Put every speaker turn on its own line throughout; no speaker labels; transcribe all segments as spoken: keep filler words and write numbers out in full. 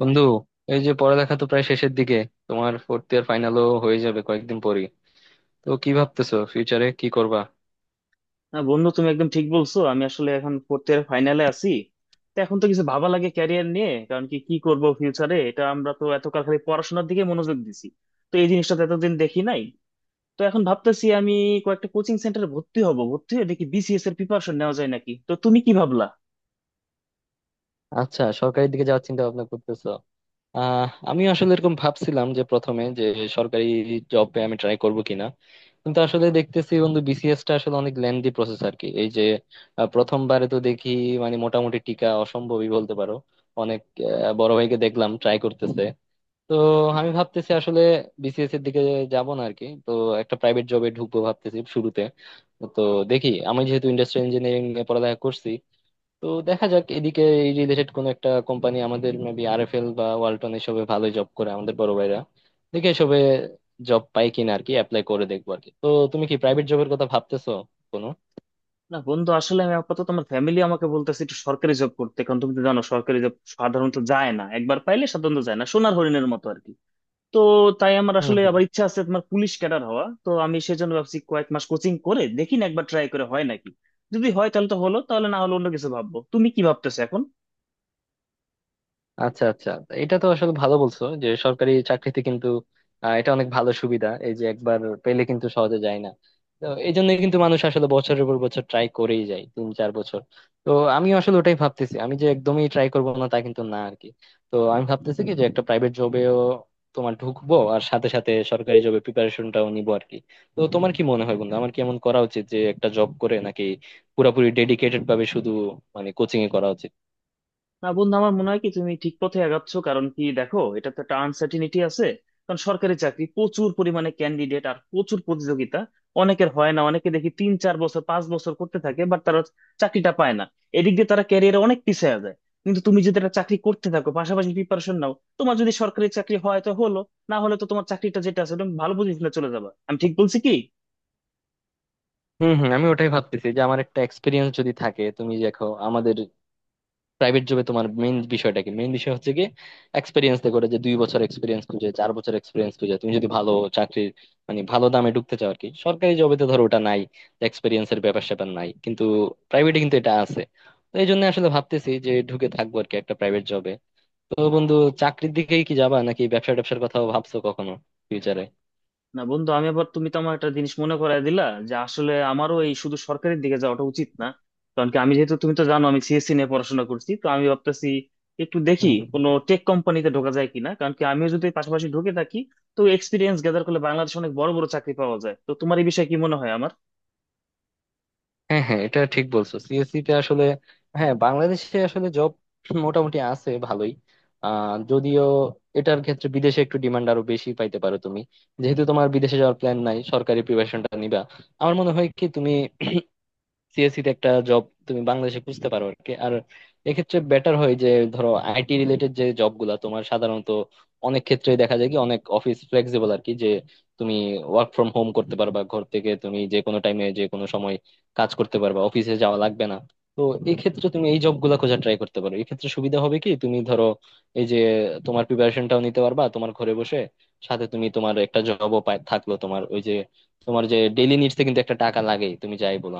বন্ধু, এই যে পড়ালেখা তো প্রায় শেষের দিকে। তোমার ফোর্থ ইয়ার ফাইনালও হয়ে যাবে কয়েকদিন পরেই। তো কি ভাবতেছো, ফিউচারে কি করবা?
না বন্ধু, তুমি একদম ঠিক বলছো। আমি আসলে এখন ফোর্থ ইয়ার ফাইনালে আছি। তো এখন তো কিছু ভাবা লাগে ক্যারিয়ার নিয়ে। কারণ কি কি করব ফিউচারে, এটা আমরা তো এতকাল খালি পড়াশোনার দিকে মনোযোগ দিছি। তো এই জিনিসটা তো এতদিন দেখি নাই। তো এখন ভাবতেছি আমি কয়েকটা কোচিং সেন্টারে ভর্তি হব, ভর্তি হয়ে দেখি বিসিএস এর প্রিপারেশন নেওয়া যায় নাকি। তো তুমি কি ভাবলা?
আচ্ছা, সরকারির দিকে যাওয়ার চিন্তা ভাবনা করতেছো? আহ আমি আসলে এরকম ভাবছিলাম যে প্রথমে যে সরকারি জবে আমি ট্রাই করব কিনা। কিন্তু আসলে দেখতেছি বন্ধু, বিসিএস টা আসলে অনেক লেন্দি প্রসেস আর কি। এই যে আহ, প্রথমবারে তো দেখি মানে মোটামুটি টিকা অসম্ভবই বলতে পারো। অনেক আহ, বড় ভাইকে দেখলাম ট্রাই করতেছে। তো আমি ভাবতেছি আসলে বিসিএস এর দিকে যাব না আরকি। তো একটা প্রাইভেট জবে ঢুকবো ভাবতেছি শুরুতে। তো দেখি, আমি যেহেতু ইন্ডাস্ট্রিয়াল ইঞ্জিনিয়ারিং এ পড়ালেখা করছি, তো দেখা যাক এদিকে এই রিলেটেড কোন একটা কোম্পানি আমাদের মেবি আরএফএল বা ওয়ালটন এসবে ভালো জব করে আমাদের বড় ভাইরা। দেখি এসবে জব পাই কিনা আরকি, অ্যাপ্লাই করে দেখবো আরকি। তো তুমি কি প্রাইভেট জবের কথা ভাবতেছো কোনো?
না বন্ধু, আসলে আমি আপাতত আমার ফ্যামিলি আমাকে বলতেছে একটু সরকারি জব করতে, কারণ তুমি তো জানো সরকারি জব সাধারণত যায় না, একবার পাইলে সাধারণত যায় না, সোনার হরিণের মতো আর কি। তো তাই আমার আসলে
হম।
আবার ইচ্ছা আছে তোমার পুলিশ ক্যাডার হওয়া। তো আমি সেজন্য ভাবছি কয়েক মাস কোচিং করে দেখি, না একবার ট্রাই করে হয় নাকি। যদি হয় তাহলে তো হলো, তাহলে না হলে অন্য কিছু ভাববো। তুমি কি ভাবতেছো এখন?
আচ্ছা আচ্ছা, এটা তো আসলে ভালো বলছো যে সরকারি চাকরিতে কিন্তু আহ, এটা অনেক ভালো সুবিধা। এই যে একবার পেলে কিন্তু সহজে যায় না। তো এই জন্যই কিন্তু মানুষ আসলে বছরের পর বছর ট্রাই করেই যায়, তিন চার বছর। তো আমি আসলে ওটাই ভাবতেছি, আমি যে একদমই ট্রাই করবো না তা কিন্তু না আর কি। তো আমি ভাবতেছি কি যে একটা প্রাইভেট জবেও তোমার ঢুকবো আর সাথে সাথে সরকারি জবে প্রিপারেশনটাও নিবো আর কি। তো তোমার কি মনে হয় বন্ধু, আমার কি এমন করা উচিত যে একটা জব করে নাকি পুরোপুরি ডেডিকেটেড ভাবে শুধু মানে কোচিং এ করা উচিত?
না বন্ধু, আমার মনে হয় কি তুমি ঠিক পথে আগাচ্ছ। কারণ কি দেখো, এটা তো একটা আনসার্টিনিটি আছে। কারণ সরকারি চাকরি প্রচুর পরিমাণে ক্যান্ডিডেট আর প্রচুর প্রতিযোগিতা। অনেকের হয় না, অনেকে দেখি তিন চার বছর পাঁচ বছর করতে থাকে, বাট তারা চাকরিটা পায় না। এদিক দিয়ে তারা ক্যারিয়ারে অনেক পিছিয়ে যায়। কিন্তু তুমি যদি একটা চাকরি করতে থাকো, পাশাপাশি প্রিপারেশন নাও, তোমার যদি সরকারি চাকরি হয় তো হলো, না হলে তো তোমার চাকরিটা যেটা আছে তুমি ভালো পজিশনে চলে যাবে। আমি ঠিক বলছি কি?
হম হম, আমি ওটাই ভাবতেছি যে আমার একটা এক্সপিরিয়েন্স যদি থাকে। তুমি দেখো আমাদের প্রাইভেট জবে তোমার মেইন বিষয়টা কি, মেইন বিষয় হচ্ছে কি এক্সপিরিয়েন্স। করে যে দুই বছর এক্সপিরিয়েন্স খুঁজে, চার বছর এক্সপিরিয়েন্স খুঁজে, তুমি যদি ভালো চাকরির মানে ভালো দামে ঢুকতে চাও আর কি। সরকারি জবে তো ধরো ওটা নাই, এক্সপিরিয়েন্সের ব্যাপার স্যাপার নাই কিন্তু প্রাইভেটে কিন্তু এটা আছে। তো এই জন্য আসলে ভাবতেছি যে ঢুকে থাকবো আর কি একটা প্রাইভেট জবে। তো বন্ধু, চাকরির দিকেই কি যাবা নাকি ব্যবসা ট্যাবসার কথাও ভাবছো কখনো ফিউচারে?
না বন্ধু, আমি আবার, তুমি তো আমার একটা জিনিস মনে করায় দিলা যে আসলে আমারও এই শুধু সরকারের দিকে যাওয়াটা উচিত না। কারণ কি আমি যেহেতু, তুমি তো জানো আমি সিএসসি নিয়ে পড়াশোনা করছি, তো আমি ভাবতেছি একটু দেখি কোনো টেক কোম্পানিতে ঢোকা যায় কিনা। কারণ কি আমিও যদি পাশাপাশি ঢুকে থাকি, তো এক্সপিরিয়েন্স গ্যাদার করলে বাংলাদেশে অনেক বড় বড় চাকরি পাওয়া যায়। তো তোমার এই বিষয়ে কি মনে হয় আমার?
হ্যাঁ হ্যাঁ, এটা ঠিক বলছো, সিএসসি তে আসলে হ্যাঁ বাংলাদেশে আসলে জব মোটামুটি আছে ভালোই। আহ যদিও এটার ক্ষেত্রে বিদেশে একটু ডিমান্ড আরো বেশি পাইতে পারো তুমি। যেহেতু তোমার বিদেশে যাওয়ার প্ল্যান নাই, সরকারি প্রিপারেশনটা নিবা, আমার মনে হয় কি তুমি সিএসসি তে একটা জব তুমি বাংলাদেশে খুঁজতে পারো আর কি। আর এক্ষেত্রে বেটার হয় যে ধরো আইটি রিলেটেড যে জব গুলা তোমার সাধারণত অনেক ক্ষেত্রে দেখা যায় কি অনেক অফিস ফ্লেক্সিবল আর কি, যে তুমি ওয়ার্ক ফ্রম হোম করতে পারবা ঘর থেকে, তুমি যে কোনো টাইমে যে কোনো সময় কাজ করতে পারবা, অফিসে যাওয়া লাগবে না। তো এই ক্ষেত্রে তুমি এই জব গুলা খোঁজার ট্রাই করতে পারো। এই ক্ষেত্রে সুবিধা হবে কি, তুমি ধরো এই যে তোমার প্রিপারেশনটাও নিতে পারবা তোমার ঘরে বসে, সাথে তুমি তোমার একটা জবও পাই থাকলো। তোমার ওই যে তোমার যে ডেইলি নিডস কিন্তু একটা টাকা লাগে, তুমি যাই বলো।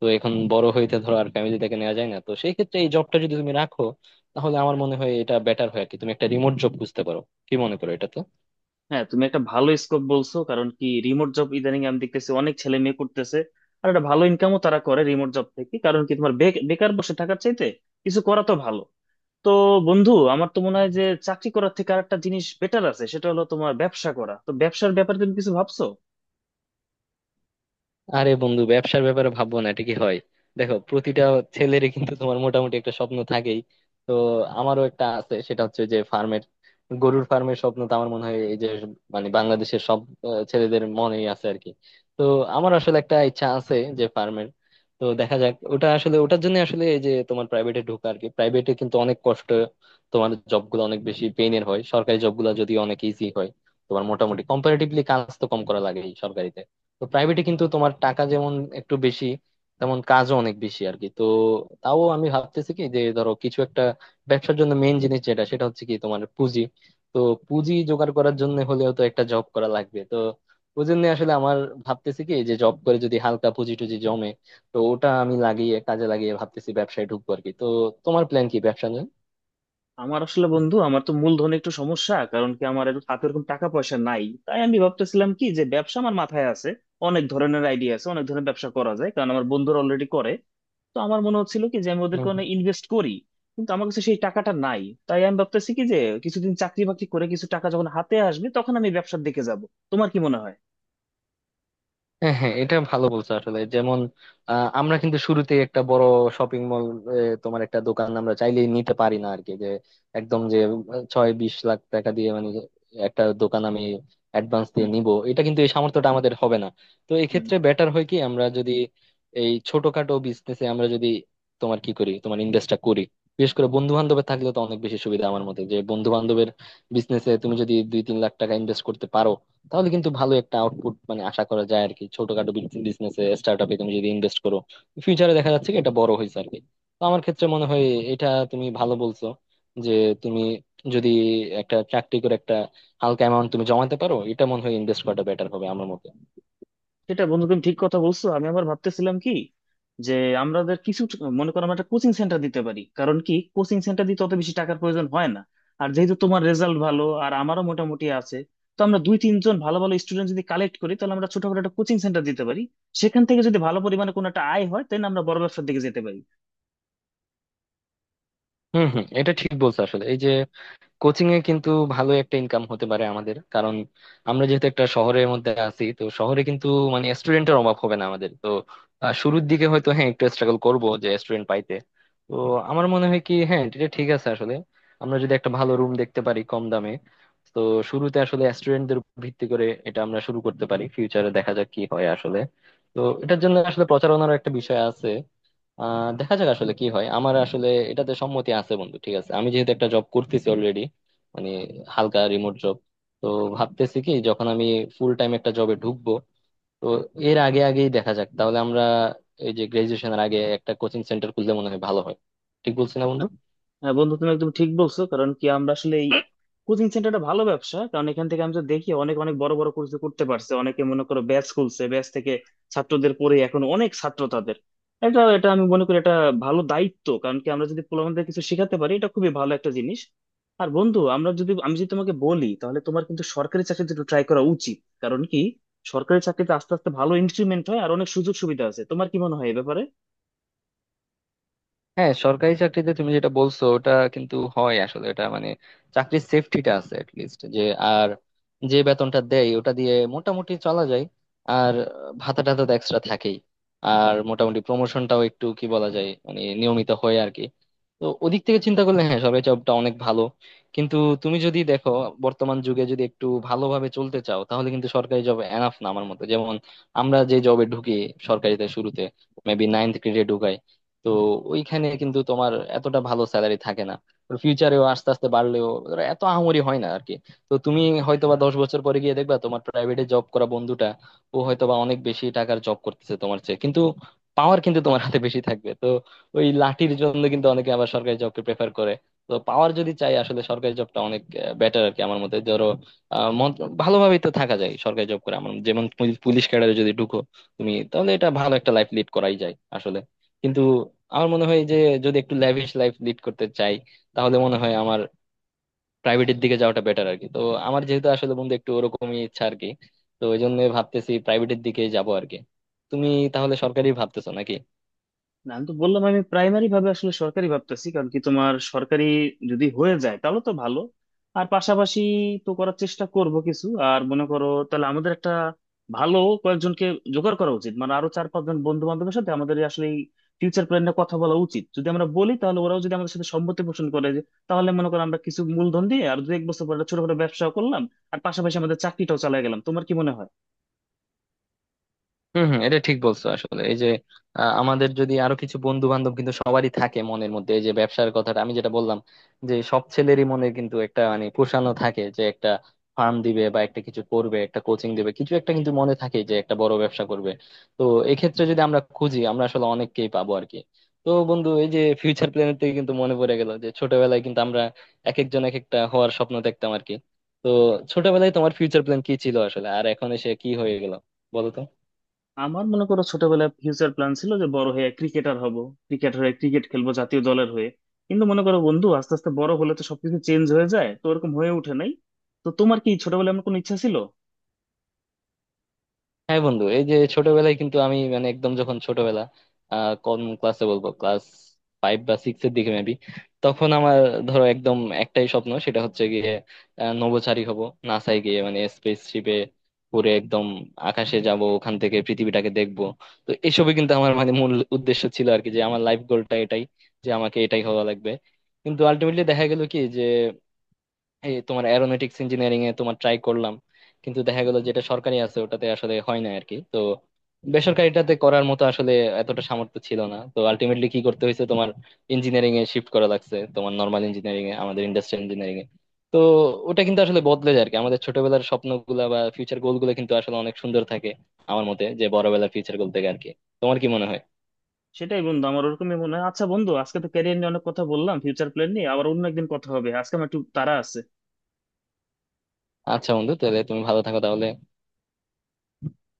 তো এখন বড় হইতে ধরো আর ফ্যামিলি থেকে নেওয়া যায় না, তো সেই ক্ষেত্রে এই জবটা যদি তুমি রাখো, তাহলে আমার মনে হয় এটা বেটার হয় আর কি। তুমি একটা রিমোট জব খুঁজতে পারো, কি মনে করো এটা?
হ্যাঁ, তুমি একটা ভালো স্কোপ বলছো। কারণ কি রিমোট জব ইদানিং আমি দেখতেছি অনেক ছেলে মেয়ে করতেছে। আর একটা ভালো ইনকামও তারা করে রিমোট জব থেকে। কারণ কি তোমার বে- বেকার বসে থাকার চাইতে কিছু করা তো ভালো। তো বন্ধু আমার তো মনে হয় যে চাকরি করার থেকে আরেকটা জিনিস বেটার আছে, সেটা হলো তোমার ব্যবসা করা। তো ব্যবসার ব্যাপারে তুমি কিছু ভাবছো?
আরে বন্ধু, ব্যবসার ব্যাপারে ভাববো না এটা কি হয়! দেখো, প্রতিটা ছেলেরই কিন্তু তোমার মোটামুটি একটা স্বপ্ন থাকেই। তো আমারও একটা আছে, সেটা হচ্ছে যে ফার্মের, গরুর ফার্মের স্বপ্ন। তো আমার মনে হয় এই যে মানে বাংলাদেশের সব আহ, ছেলেদের মনেই আছে আর কি। তো আমার আসলে একটা ইচ্ছা আছে যে ফার্মের। তো দেখা যাক ওটা আসলে, ওটার জন্য আসলে এই যে তোমার প্রাইভেটে ঢোকা আর কি। প্রাইভেটে কিন্তু অনেক কষ্ট, তোমার জবগুলো অনেক বেশি পেইনের হয়। সরকারি জবগুলো যদি অনেক ইজি হয়, তোমার মোটামুটি কম্পারেটিভলি কাজ তো কম করা লাগে সরকারিতে। তো প্রাইভেটে কিন্তু তোমার টাকা যেমন একটু বেশি, তেমন কাজও অনেক বেশি আর কি। তো তাও আমি ভাবতেছি কি, যে ধরো কিছু একটা ব্যবসার জন্য মেইন জিনিস যেটা, সেটা হচ্ছে কি তোমার পুঁজি। তো পুঁজি জোগাড় করার জন্য হলেও তো একটা জব করা লাগবে। তো ওই জন্য আসলে আমার ভাবতেছি কি যে জব করে যদি হালকা পুঁজি টুজি জমে, তো ওটা আমি লাগিয়ে কাজে লাগিয়ে ভাবতেছি ব্যবসায় ঢুকবো আর কি। তো তোমার প্ল্যান কি ব্যবসা
আমার আসলে বন্ধু আমার তো মূলধনে একটু সমস্যা। কারণ কি আমার এর- হাতে এরকম টাকা পয়সা নাই। তাই আমি ভাবতেছিলাম কি যে ব্যবসা আমার মাথায় আছে, অনেক ধরনের আইডিয়া আছে, অনেক ধরনের ব্যবসা করা যায়, কারণ আমার বন্ধুরা অলরেডি করে। তো আমার মনে হচ্ছিল কি যে আমি ওদেরকে
নিয়ে?
অনেক ইনভেস্ট করি, কিন্তু আমার কাছে সেই টাকাটা নাই। তাই আমি ভাবতেছি কি যে কিছুদিন চাকরি বাকরি করে কিছু টাকা যখন হাতে আসবে তখন আমি ব্যবসার দিকে যাব। তোমার কি মনে হয়?
হ্যাঁ হ্যাঁ, এটা ভালো বলছো আসলে। যেমন আহ, আমরা কিন্তু শুরুতেই একটা বড় শপিং মল, তোমার একটা দোকান আমরা চাইলেই নিতে পারি না আর কি। যে একদম যে আহ, ছয় বিশ লাখ টাকা দিয়ে মানে একটা দোকান আমি অ্যাডভান্স দিয়ে
হুম।
নিব, এটা কিন্তু এই সামর্থ্যটা আমাদের হবে না। তো এই
হুম।
ক্ষেত্রে বেটার হয় কি, আমরা যদি এই ছোটখাটো বিজনেসে আমরা যদি তোমার কি করি তোমার ইনভেস্টটা করি, বিশেষ করে বন্ধু বান্ধবের থাকলে তো অনেক বেশি সুবিধা। আমার মতে যে বন্ধু বান্ধবের বিজনেসে তুমি যদি দুই তিন লাখ টাকা ইনভেস্ট করতে পারো, তাহলে কিন্তু ভালো একটা আউটপুট মানে আশা করা যায় আর কি। ছোটখাটো বিজনেসে স্টার্টআপে তুমি যদি ইনভেস্ট করো, ফিউচারে দেখা যাচ্ছে কি এটা বড় হয়েছে আর কি। তো আমার ক্ষেত্রে মনে হয় এটা তুমি ভালো বলছো যে তুমি যদি একটা চাকরি করে একটা হালকা অ্যামাউন্ট তুমি জমাতে পারো, এটা মনে হয় ইনভেস্ট করাটা বেটার হবে আমার মতে।
সেটা বন্ধু, তুমি ঠিক কথা বলছো। আমি আবার ভাবতেছিলাম কি যে আমাদের কিছু ট- মনে করো আমরা একটা কোচিং সেন্টার দিতে পারি। কারণ কি কোচিং সেন্টার দিতে অত বেশি টাকার প্রয়োজন হয় না। আর যেহেতু তোমার রেজাল্ট ভালো আর আমারও মোটামুটি আছে, তো আমরা দুই তিনজন ভালো ভালো স্টুডেন্ট যদি কালেক্ট করি তাহলে আমরা ছোটখাটো একটা কোচিং সেন্টার দিতে পারি। সেখান থেকে যদি ভালো পরিমাণে কোনো একটা আয় হয় তাহলে আমরা বড় ব্যবসার দিকে যেতে পারি।
হম হম, এটা ঠিক বলছো আসলে। এই যে কোচিং এ কিন্তু ভালো একটা ইনকাম হতে পারে আমাদের, কারণ আমরা যেহেতু একটা শহরের মধ্যে আছি, তো শহরে কিন্তু মানে স্টুডেন্টের অভাব হবে না আমাদের। তো আহ, শুরুর দিকে হয়তো হ্যাঁ একটু স্ট্রাগল করব যে স্টুডেন্ট পাইতে। তো আমার মনে হয় কি, হ্যাঁ এটা ঠিক আছে আসলে। আমরা যদি একটা ভালো রুম দেখতে পারি কম দামে, তো শুরুতে আসলে স্টুডেন্টদের ভিত্তি করে এটা আমরা শুরু করতে পারি, ফিউচারে দেখা যাক কি হয় আসলে। তো এটার জন্য আসলে প্রচারণার একটা বিষয় আছে। আহ দেখা যাক আসলে কি হয়। আমার আসলে এটাতে সম্মতি আছে বন্ধু, ঠিক আছে। আমি যেহেতু একটা জব করতেছি অলরেডি মানে হালকা রিমোট জব, তো ভাবতেছি কি যখন আমি ফুল টাইম একটা জবে ঢুকবো, তো এর আগে আগেই দেখা যাক তাহলে আমরা এই যে গ্রাজুয়েশনের আগে একটা কোচিং সেন্টার খুললে মনে হয় ভালো হয়। ঠিক বলছি না বন্ধু?
হ্যাঁ বন্ধু, তুমি একদম ঠিক বলছো। কারণ কি আমরা আসলে এই কোচিং সেন্টারটা ভালো ব্যবসা। কারণ এখান থেকে আমি তো দেখি অনেক অনেক বড় বড় কোর্স করতে পারছে অনেকে। মনে করো ব্যাচ খুলছে, ব্যাচ থেকে ছাত্রদের পড়ে এখন অনেক ছাত্র তাদের। এটা এটা আমি মনে করি এটা ভালো দায়িত্ব। কারণ কি আমরা যদি পোলাপানদের কিছু শেখাতে পারি এটা খুবই ভালো একটা জিনিস। আর বন্ধু আমরা যদি, আমি যদি তোমাকে বলি তাহলে তোমার কিন্তু সরকারি চাকরিতে একটু ট্রাই করা উচিত। কারণ কি সরকারি চাকরিতে আস্তে আস্তে ভালো ইনক্রিমেন্ট হয় আর অনেক সুযোগ সুবিধা আছে। তোমার কি মনে হয় এ ব্যাপারে?
হ্যাঁ, সরকারি চাকরিতে তুমি যেটা বলছো ওটা কিন্তু হয় আসলে। এটা মানে চাকরির সেফটিটা আছে লিস্ট যে। আর যে বেতনটা দেয় ওটা দিয়ে মোটামুটি চলা যায়। আর ভাতা টাতা তো এক্সট্রা থাকেই। আর মোটামুটি প্রমোশনটাও একটু কি বলা যায় মানে নিয়মিত হয় আর কি। তো ওদিক থেকে চিন্তা করলে হ্যাঁ সরকারি জবটা অনেক ভালো। কিন্তু তুমি যদি দেখো বর্তমান যুগে যদি একটু ভালোভাবে চলতে চাও, তাহলে কিন্তু সরকারি জব এনাফ না আমার মতে। যেমন আমরা যে জবে ঢুকি সরকারিতে শুরুতে মেবি নাইনথ গ্রেডে, তো ওইখানে কিন্তু তোমার এতটা ভালো স্যালারি থাকে না। ফিউচারেও আস্তে আস্তে বাড়লেও ওরা এত আহামরি হয় না আর কি। তো তুমি হয়তোবা দশ বছর পরে গিয়ে দেখবা তোমার প্রাইভেটে জব করা বন্ধুটা ও হয়তোবা অনেক বেশি টাকার জব করতেছে তোমার চেয়ে। কিন্তু পাওয়ার কিন্তু তোমার হাতে বেশি থাকবে। তো ওই লাঠির জন্য কিন্তু অনেকে আবার সরকারি জবকে প্রেফার করে। তো পাওয়ার যদি চাই আসলে সরকারি জবটা অনেক বেটার আর কি আমার মতে। ধরো আহ, মন- ভালোভাবেই তো থাকা যায় সরকারি জব করে। আমার যেমন পুলিশ ক্যাডারে যদি ঢুকো তুমি, তাহলে এটা ভালো একটা লাইফ লিড করাই যায় আসলে। কিন্তু আমার মনে হয় যে যদি একটু ল্যাভিশ লাইফ লিড করতে চাই, তাহলে মনে হয় আমার প্রাইভেটের দিকে যাওয়াটা বেটার আর কি। তো আমার যেহেতু আসলে বন্ধু একটু ওরকমই ইচ্ছা আর কি, তো ওই জন্য ভাবতেছি প্রাইভেটের দিকে যাবো আর কি। তুমি তাহলে সরকারি ভাবতেছো নাকি?
না, আমি তো বললাম আমি প্রাইমারি ভাবে আসলে সরকারি ভাবতেছি। কারণ কি তোমার সরকারি যদি হয়ে যায় তাহলে তো ভালো। আর পাশাপাশি তো করার চেষ্টা করব কিছু। আর মনে করো তাহলে আমাদের একটা ভালো কয়েকজনকে জোগাড় করা উচিত, মানে আরো চার পাঁচজন বন্ধু বান্ধবের সাথে আমাদের আসলে ফিউচার প্ল্যান নিয়ে কথা বলা উচিত। যদি আমরা বলি তাহলে ওরাও যদি আমাদের সাথে সম্মতি পোষণ করে, যে তাহলে মনে করো আমরা কিছু মূলধন দিয়ে আর দু এক বছর পরে একটা ছোটখাটো ব্যবসা করলাম আর পাশাপাশি আমাদের চাকরিটাও চালিয়ে গেলাম। তোমার কি মনে হয়?
হম হম, এটা ঠিক বলছো আসলে। এই যে আহ, আমাদের যদি আরো কিছু বন্ধু বান্ধব, কিন্তু সবারই থাকে মনের মধ্যে এই যে ব্যবসার কথাটা আমি যেটা বললাম, যে সব ছেলেরই মনে কিন্তু একটা মানে পোষানো থাকে যে একটা ফার্ম দিবে বা একটা কিছু করবে, একটা কোচিং দিবে, কিছু একটা কিন্তু মনে থাকে যে একটা বড় ব্যবসা করবে। তো এক্ষেত্রে যদি আমরা খুঁজি, আমরা আসলে অনেককেই পাবো আর কি। তো বন্ধু এই যে ফিউচার প্ল্যানের থেকে কিন্তু মনে পড়ে গেল যে ছোটবেলায় কিন্তু আমরা এক একজন এক একটা হওয়ার স্বপ্ন দেখতাম আর কি। তো ছোটবেলায় তোমার ফিউচার প্ল্যান কি ছিল আসলে আর এখন এসে কি হয়ে গেল, বলো তো?
আমার মনে করো ছোটবেলায় ফিউচার প্ল্যান ছিল যে বড় হয়ে ক্রিকেটার হব, ক্রিকেট হয়ে ক্রিকেট খেলবো জাতীয় দলের হয়ে। কিন্তু মনে করো বন্ধু আস্তে আস্তে বড় হলে তো সবকিছু চেঞ্জ হয়ে যায়, তো ওরকম হয়ে ওঠে নাই। তো তোমার কি ছোটবেলায় এমন কোনো ইচ্ছা ছিল?
হ্যাঁ বন্ধু, এই যে ছোটবেলায় কিন্তু আমি মানে একদম যখন ছোটবেলা আহ কোন ক্লাসে বলবো, ক্লাস ফাইভ বা সিক্স এর দিকে মেবি, তখন আমার ধরো একদম একটাই স্বপ্ন, সেটা হচ্ছে গিয়ে আহ, নভোচারী হব, নাসায় গিয়ে মানে স্পেসশিপে ঘুরে একদম আকাশে যাব, ওখান থেকে পৃথিবীটাকে দেখব। তো এসবই কিন্তু আমার মানে মূল উদ্দেশ্য ছিল আর কি, যে আমার লাইফ গোলটা এটাই যে আমাকে এটাই হওয়া লাগবে। কিন্তু আলটিমেটলি দেখা গেল কি যে এই তোমার অ্যারোনটিক্স ইঞ্জিনিয়ারিং এ তোমার ট্রাই করলাম, কিন্তু দেখা গেল যেটা সরকারি আছে ওটাতে আসলে হয় না আর কি। তো বেসরকারিটাতে করার মতো আসলে এতটা সামর্থ্য ছিল না, তো আলটিমেটলি কি করতে হয়েছে, তোমার ইঞ্জিনিয়ারিং এ শিফট করা লাগছে, তোমার নর্মাল ইঞ্জিনিয়ারিং এ আমাদের ইন্ডাস্ট্রিয়াল ইঞ্জিনিয়ারিং এ। তো ওটা কিন্তু আসলে বদলে যায় আর কি। আমাদের ছোটবেলার স্বপ্নগুলা বা ফিউচার গোল গুলো কিন্তু আসলে অনেক সুন্দর থাকে আমার মতে, যে বড়বেলার ফিউচার গোল থেকে আর কি। তোমার কি মনে হয়?
সেটাই বন্ধু, আমার ওরকমই মনে হয়। আচ্ছা বন্ধু, আজকে তো ক্যারিয়ার নিয়ে অনেক কথা বললাম, ফিউচার প্ল্যান নিয়ে। আবার অন্য একদিন কথা হবে, আজকে আমার একটু তাড়া আছে।
আচ্ছা বন্ধু, তাহলে তুমি ভালো থাকো তাহলে।